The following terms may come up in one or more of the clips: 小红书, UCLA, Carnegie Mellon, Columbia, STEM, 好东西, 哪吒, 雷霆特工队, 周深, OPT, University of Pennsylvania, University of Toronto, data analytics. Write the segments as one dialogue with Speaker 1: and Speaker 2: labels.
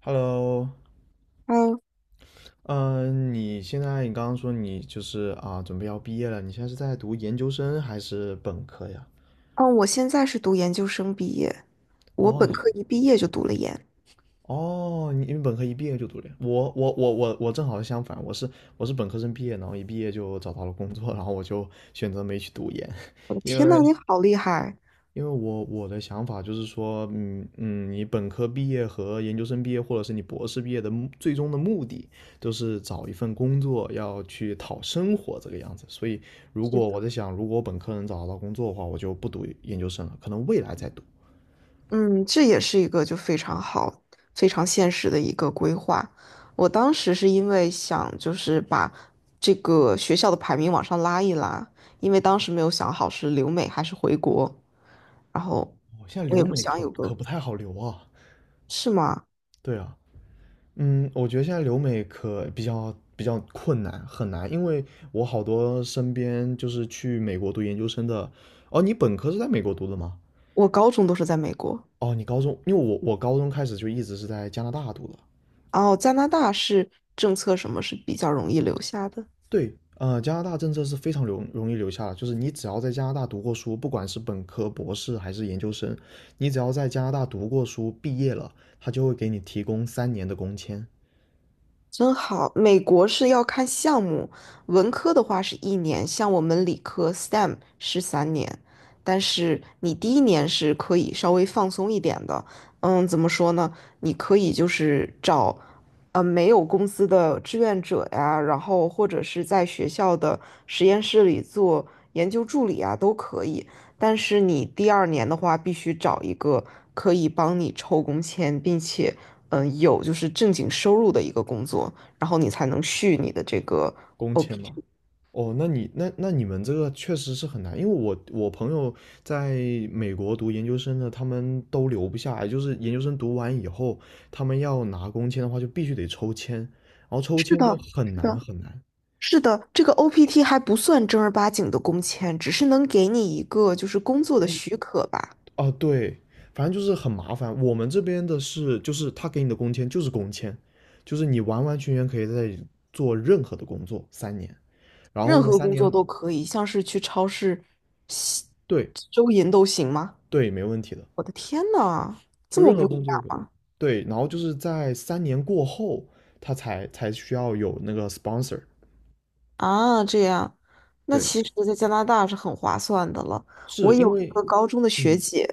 Speaker 1: Hello，
Speaker 2: 嗯
Speaker 1: 嗯，你现在你刚刚说你就是，准备要毕业了，你现在是在读研究生还是本科呀？
Speaker 2: 嗯，我现在是读研究生毕业，我
Speaker 1: 哦，
Speaker 2: 本
Speaker 1: 你是
Speaker 2: 科一毕业就读了研。
Speaker 1: 哦，你因为本科一毕业就读了呀，我正好相反，我是本科生毕业，然后一毕业就找到了工作，然后我就选择没去读研，
Speaker 2: 我 的
Speaker 1: 因
Speaker 2: 天
Speaker 1: 为
Speaker 2: 呐，你好厉害！
Speaker 1: 因为我的想法就是说，你本科毕业和研究生毕业，或者是你博士毕业的最终的目的，都是找一份工作，要去讨生活这个样子。所以，如
Speaker 2: 是
Speaker 1: 果
Speaker 2: 的，
Speaker 1: 我在想，如果我本科能找到工作的话，我就不读研究生了，可能未来再读。
Speaker 2: 嗯，这也是一个就非常好、非常现实的一个规划。我当时是因为想就是把这个学校的排名往上拉一拉，因为当时没有想好是留美还是回国，然后
Speaker 1: 哦，现在
Speaker 2: 我也
Speaker 1: 留
Speaker 2: 不
Speaker 1: 美
Speaker 2: 想
Speaker 1: 可
Speaker 2: 有个，
Speaker 1: 可不太好留啊。
Speaker 2: 是吗？
Speaker 1: 对啊，嗯，我觉得现在留美可比较比较困难，很难，因为我好多身边就是去美国读研究生的。哦，你本科是在美国读的吗？
Speaker 2: 我高中都是在美国，
Speaker 1: 哦，你高中，因为我高中开始就一直是在加拿大读的。
Speaker 2: 然后加拿大是政策什么是比较容易留下的。
Speaker 1: 对，加拿大政策是非常容易留下的，就是你只要在加拿大读过书，不管是本科、博士还是研究生，你只要在加拿大读过书，毕业了，他就会给你提供三年的工签。
Speaker 2: 真好，美国是要看项目，文科的话是一年，像我们理科 STEM 是3年，但是你第一年是可以稍微放松一点的，怎么说呢？你可以就是找，没有公司的志愿者呀，然后或者是在学校的实验室里做研究助理啊，都可以。但是你第二年的话，必须找一个可以帮你抽工签，并且。有就是正经收入的一个工作，然后你才能续你的这个
Speaker 1: 工签吗？
Speaker 2: OPT。
Speaker 1: 哦，那你们这个确实是很难，因为我朋友在美国读研究生的，他们都留不下来，就是研究生读完以后，他们要拿工签的话，就必须得抽签，然后抽
Speaker 2: 是
Speaker 1: 签就
Speaker 2: 的，
Speaker 1: 很
Speaker 2: 是
Speaker 1: 难
Speaker 2: 的，
Speaker 1: 很难。
Speaker 2: 是的，这个 OPT 还不算正儿八经的工签，只是能给你一个就是工作的许可吧，
Speaker 1: 啊，对，反正就是很麻烦。我们这边的是，就是他给你的工签就是工签，就是你完完全全可以在这里做任何的工作三年。然后
Speaker 2: 任
Speaker 1: 呢，
Speaker 2: 何
Speaker 1: 三
Speaker 2: 工作
Speaker 1: 年，
Speaker 2: 都可以，像是去超市吸
Speaker 1: 对
Speaker 2: 收银都行吗？
Speaker 1: 对，没问题的，
Speaker 2: 我的天呐，这
Speaker 1: 就
Speaker 2: 么
Speaker 1: 任
Speaker 2: 不
Speaker 1: 何
Speaker 2: 一
Speaker 1: 工作都可
Speaker 2: 样。
Speaker 1: 以。对，然后就是在三年过后，他才需要有那个 sponsor。
Speaker 2: 啊，这样，那
Speaker 1: 对，
Speaker 2: 其实，在加拿大是很划算的了。我
Speaker 1: 是
Speaker 2: 有
Speaker 1: 因
Speaker 2: 一
Speaker 1: 为，
Speaker 2: 个高中的学
Speaker 1: 嗯，
Speaker 2: 姐，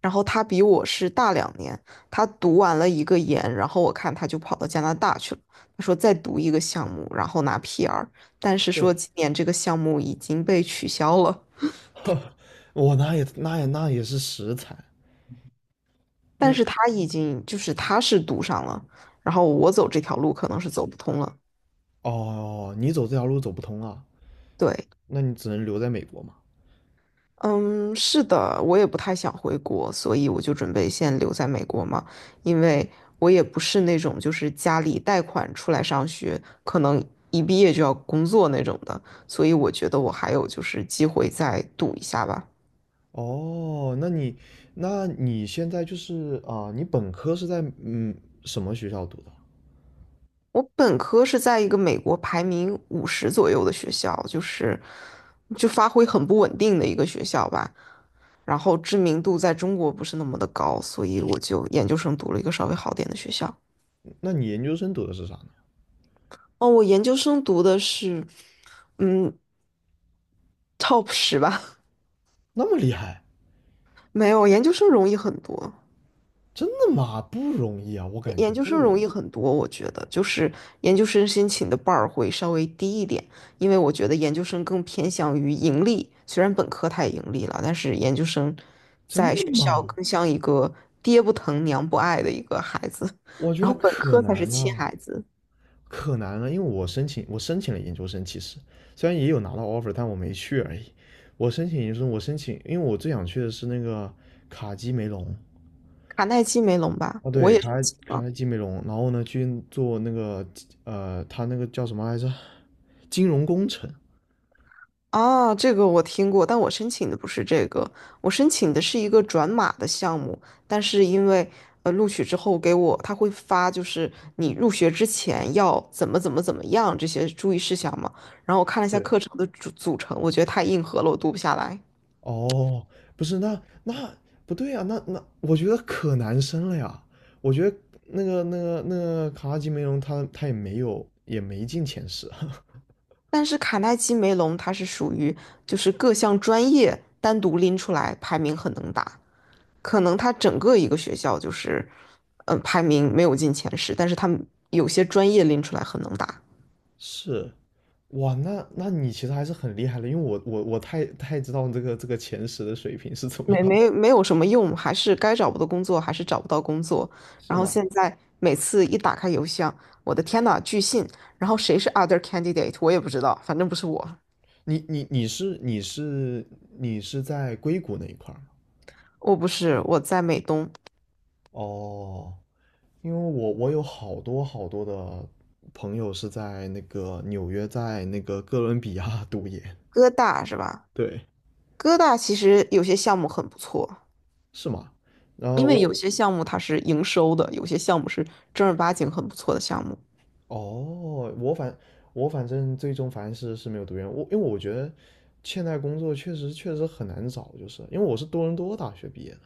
Speaker 2: 然后她比我是大2年，她读完了一个研，然后我看她就跑到加拿大去了。她说再读一个项目，然后拿 PR,但是
Speaker 1: 对，
Speaker 2: 说今年这个项目已经被取消了。
Speaker 1: 我那是食材，
Speaker 2: 但
Speaker 1: 你
Speaker 2: 是她已经就是她是读上了，然后我走这条路可能是走不通了。
Speaker 1: 哦，你走这条路走不通啊，
Speaker 2: 对，
Speaker 1: 那你只能留在美国嘛。
Speaker 2: 嗯，是的，我也不太想回国，所以我就准备先留在美国嘛，因为我也不是那种就是家里贷款出来上学，可能一毕业就要工作那种的，所以我觉得我还有就是机会再赌一下吧。
Speaker 1: 哦，那你现在就是、你本科是在什么学校读的？
Speaker 2: 我本科是在一个美国排名50左右的学校，就是就发挥很不稳定的一个学校吧，然后知名度在中国不是那么的高，所以我就研究生读了一个稍微好点的学校。
Speaker 1: 那你研究生读的是啥呢？
Speaker 2: 哦，我研究生读的是，嗯，top 10吧，
Speaker 1: 那么厉害，
Speaker 2: 没有，研究生容易很多，
Speaker 1: 真的吗？不容易啊，我感觉
Speaker 2: 研究生
Speaker 1: 不
Speaker 2: 容
Speaker 1: 容易，
Speaker 2: 易很多，我觉得就是研究生申请的 bar 会稍微低一点，因为我觉得研究生更偏向于盈利，虽然本科它也盈利了，但是研究生
Speaker 1: 真
Speaker 2: 在
Speaker 1: 的
Speaker 2: 学校
Speaker 1: 吗？
Speaker 2: 更像一个爹不疼娘不爱的一个孩子，
Speaker 1: 我觉
Speaker 2: 然
Speaker 1: 得
Speaker 2: 后本
Speaker 1: 可
Speaker 2: 科才是
Speaker 1: 难
Speaker 2: 亲
Speaker 1: 了，
Speaker 2: 孩子，
Speaker 1: 可难了，因为我申请了研究生，其实虽然也有拿到 offer，但我没去而已。我申请研究生，我申请，因为我最想去的是那个卡基梅隆，
Speaker 2: 卡耐基梅隆吧，
Speaker 1: 哦，
Speaker 2: 我
Speaker 1: 对，
Speaker 2: 也是
Speaker 1: 卡莱
Speaker 2: 亲
Speaker 1: 卡
Speaker 2: 啊
Speaker 1: 莱基梅隆，然后呢去做那个他那个叫什么来着？金融工程。
Speaker 2: 啊，这个我听过，但我申请的不是这个，我申请的是一个转码的项目，但是因为录取之后给我他会发，就是你入学之前要怎么怎么怎么样这些注意事项嘛，然后我看了一下
Speaker 1: 对，
Speaker 2: 课程的组成，我觉得太硬核了，我读不下来。
Speaker 1: 哦，不是，不对啊，我觉得可难升了呀。我觉得那个卡拉基梅隆他也没有也没进前十。
Speaker 2: 但是卡耐基梅隆它是属于就是各项专业单独拎出来排名很能打，可能它整个一个学校就是，排名没有进前十，但是他们有些专业拎出来很能打。
Speaker 1: 是，哇，那那你其实还是很厉害的，因为我太太知道这个这个前十的水平是怎么
Speaker 2: 没
Speaker 1: 样，
Speaker 2: 没没有什么用，还是该找不到工作，还是找不到工作。
Speaker 1: 是
Speaker 2: 然后
Speaker 1: 吗？
Speaker 2: 现在每次一打开邮箱，我的天呐，拒信！然后谁是 other candidate,我也不知道，反正不是我，
Speaker 1: 你你是在硅谷那一块儿？
Speaker 2: 我不是，我在美东，
Speaker 1: 哦，因为我有好多好多的朋友是在那个纽约，在那个哥伦比亚 读研，
Speaker 2: 哥大是吧？
Speaker 1: 对，
Speaker 2: 哥大其实有些项目很不错，
Speaker 1: 是吗？然
Speaker 2: 因
Speaker 1: 后
Speaker 2: 为有
Speaker 1: 我
Speaker 2: 些项目它是营收的，有些项目是正儿八经很不错的项目。
Speaker 1: 哦，我反正最终反正是是没有读研，我因为我觉得现在工作确实确实很难找，就是因为我是多伦多大学毕业的。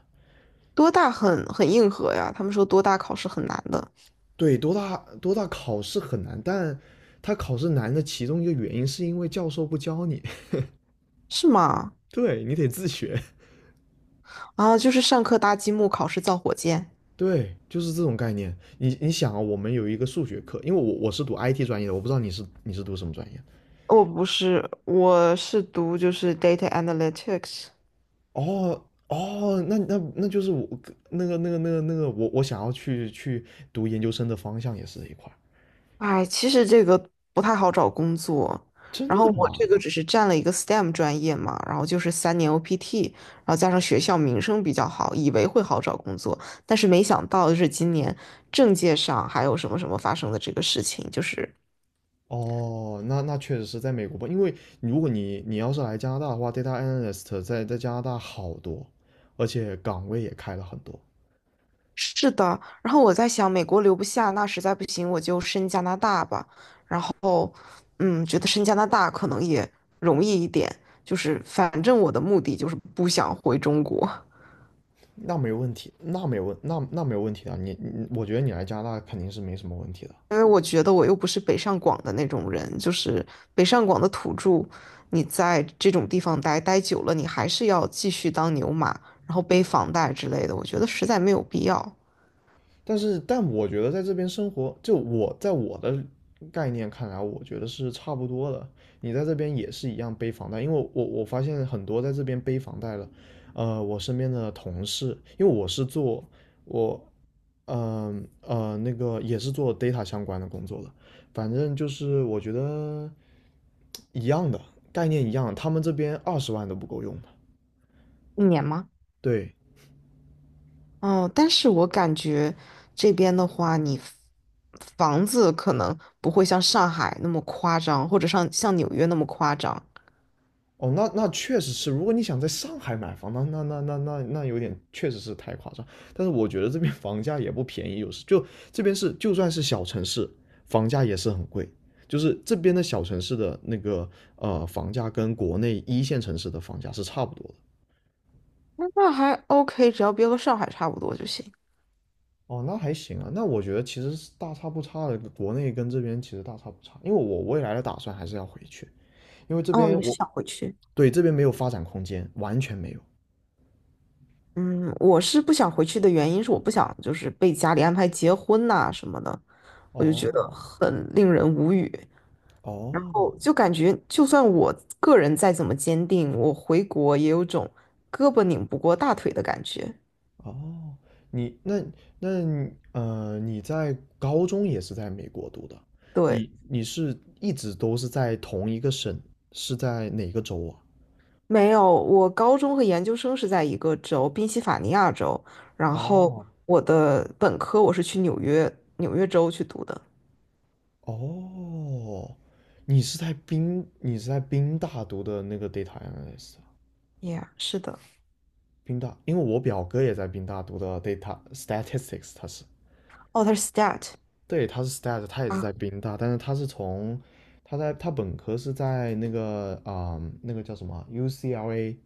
Speaker 2: 多大很硬核呀，他们说多大考试很难的，
Speaker 1: 对，多大考试很难，但他考试难的其中一个原因是因为教授不教你，
Speaker 2: 是吗？
Speaker 1: 对你得自学。
Speaker 2: 啊，就是上课搭积木，考试造火箭。
Speaker 1: 对，就是这种概念。你你想啊，我们有一个数学课，因为我是读 IT 专业的，我不知道你读什么专业。
Speaker 2: 我不是，我是读就是 data analytics。
Speaker 1: 哦哦，那那那就是我那个我想要去读研究生的方向也是这一块儿。
Speaker 2: 哎，其实这个不太好找工作。然
Speaker 1: 真
Speaker 2: 后
Speaker 1: 的
Speaker 2: 我这
Speaker 1: 吗？
Speaker 2: 个只是占了一个 STEM 专业嘛，然后就是三年 OPT,然后加上学校名声比较好，以为会好找工作，但是没想到就是今年政界上还有什么什么发生的这个事情，就是
Speaker 1: 哦，那那确实是在美国吧，因为如果你你要是来加拿大的话，data analyst 在加拿大好多，而且岗位也开了很多。
Speaker 2: 是的，然后我在想，美国留不下，那实在不行我就申加拿大吧。然后，觉得申加拿大可能也容易一点，就是反正我的目的就是不想回中国，
Speaker 1: 那没问题，那没有问题的啊，你我觉得你来加拿大肯定是没什么问题的。
Speaker 2: 因为我觉得我又不是北上广的那种人，就是北上广的土著，你在这种地方待久了，你还是要继续当牛马，然后背房贷之类的，我觉得实在没有必要。
Speaker 1: 但是但我觉得在这边生活，就我在我的概念看来，我觉得是差不多的。你在这边也是一样背房贷，因为我发现很多在这边背房贷的，我身边的同事，因为我是做我呃那个也是做 data 相关的工作的，反正就是我觉得一样的概念一样，他们这边二十万都不够用的，
Speaker 2: 一年吗？
Speaker 1: 对，
Speaker 2: 哦，但是我感觉这边的话，你房子可能不会像上海那么夸张，或者像纽约那么夸张。
Speaker 1: 哦，那那确实是，如果你想在上海买房，那有点确实是太夸张。但是我觉得这边房价也不便宜，有时就这边是就算是小城市，房价也是很贵。就是这边的小城市的那个房价跟国内一线城市的房价是差不多的。
Speaker 2: 那还 OK,只要别和上海差不多就行。
Speaker 1: 哦，那还行啊，那我觉得其实是大差不差的，国内跟这边其实大差不差。因为我未来的打算还是要回去，因为这
Speaker 2: 哦，
Speaker 1: 边
Speaker 2: 你是
Speaker 1: 我
Speaker 2: 想回去？
Speaker 1: 对这边没有发展空间，完全没有。
Speaker 2: 嗯，我是不想回去的原因是我不想就是被家里安排结婚呐、什么的，我就觉得
Speaker 1: 哦
Speaker 2: 很令人无语。然
Speaker 1: 哦，
Speaker 2: 后就感觉，就算我个人再怎么坚定，我回国也有种胳膊拧不过大腿的感觉。
Speaker 1: 哦，你那那你你在高中也是在美国读的，
Speaker 2: 对。
Speaker 1: 你是一直都是在同一个省，是在哪个州啊？
Speaker 2: 没有，我高中和研究生是在一个州，宾夕法尼亚州，然后
Speaker 1: 哦
Speaker 2: 我的本科我是去纽约，纽约州去读的。
Speaker 1: 哦，你是在宾大读的那个 data analyst，啊
Speaker 2: Yeah,是的。
Speaker 1: 宾大，因为我表哥也在宾大读的 data statistics，他是，
Speaker 2: 哦，他是 STAT
Speaker 1: 对，他是 stat，他也是在
Speaker 2: 啊，
Speaker 1: 宾大，但是他是从他在他本科是在那个啊、那个叫什么 UCLA。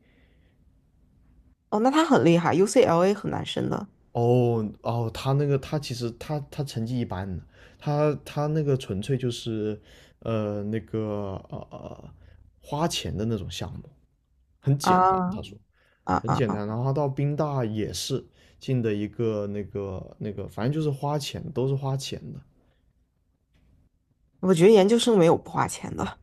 Speaker 2: 哦，那他很厉害，UCLA 很难申的
Speaker 1: 哦哦，他那个他其实他他成绩一般的，他那个纯粹就是呃那个呃呃花钱的那种项目，很
Speaker 2: 啊
Speaker 1: 简单，他说
Speaker 2: 啊
Speaker 1: 很
Speaker 2: 啊
Speaker 1: 简单。
Speaker 2: 啊！
Speaker 1: 然后他到宾大也是进的一个那个，反正就是花钱，都是花钱的。
Speaker 2: 我觉得研究生没有不花钱的。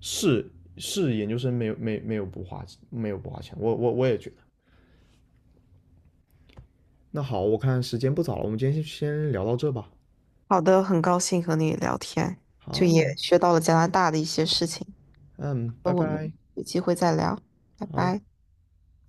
Speaker 1: 是是研究生没有不花钱，我也觉得。那好，我看时间不早了，我们今天先聊到这吧。
Speaker 2: 好的，很高兴和你聊天，就
Speaker 1: 好，
Speaker 2: 也学到了加拿大的一些事情。
Speaker 1: 嗯，
Speaker 2: 那
Speaker 1: 拜
Speaker 2: 我们
Speaker 1: 拜，
Speaker 2: 有机会再聊，拜
Speaker 1: 好。
Speaker 2: 拜。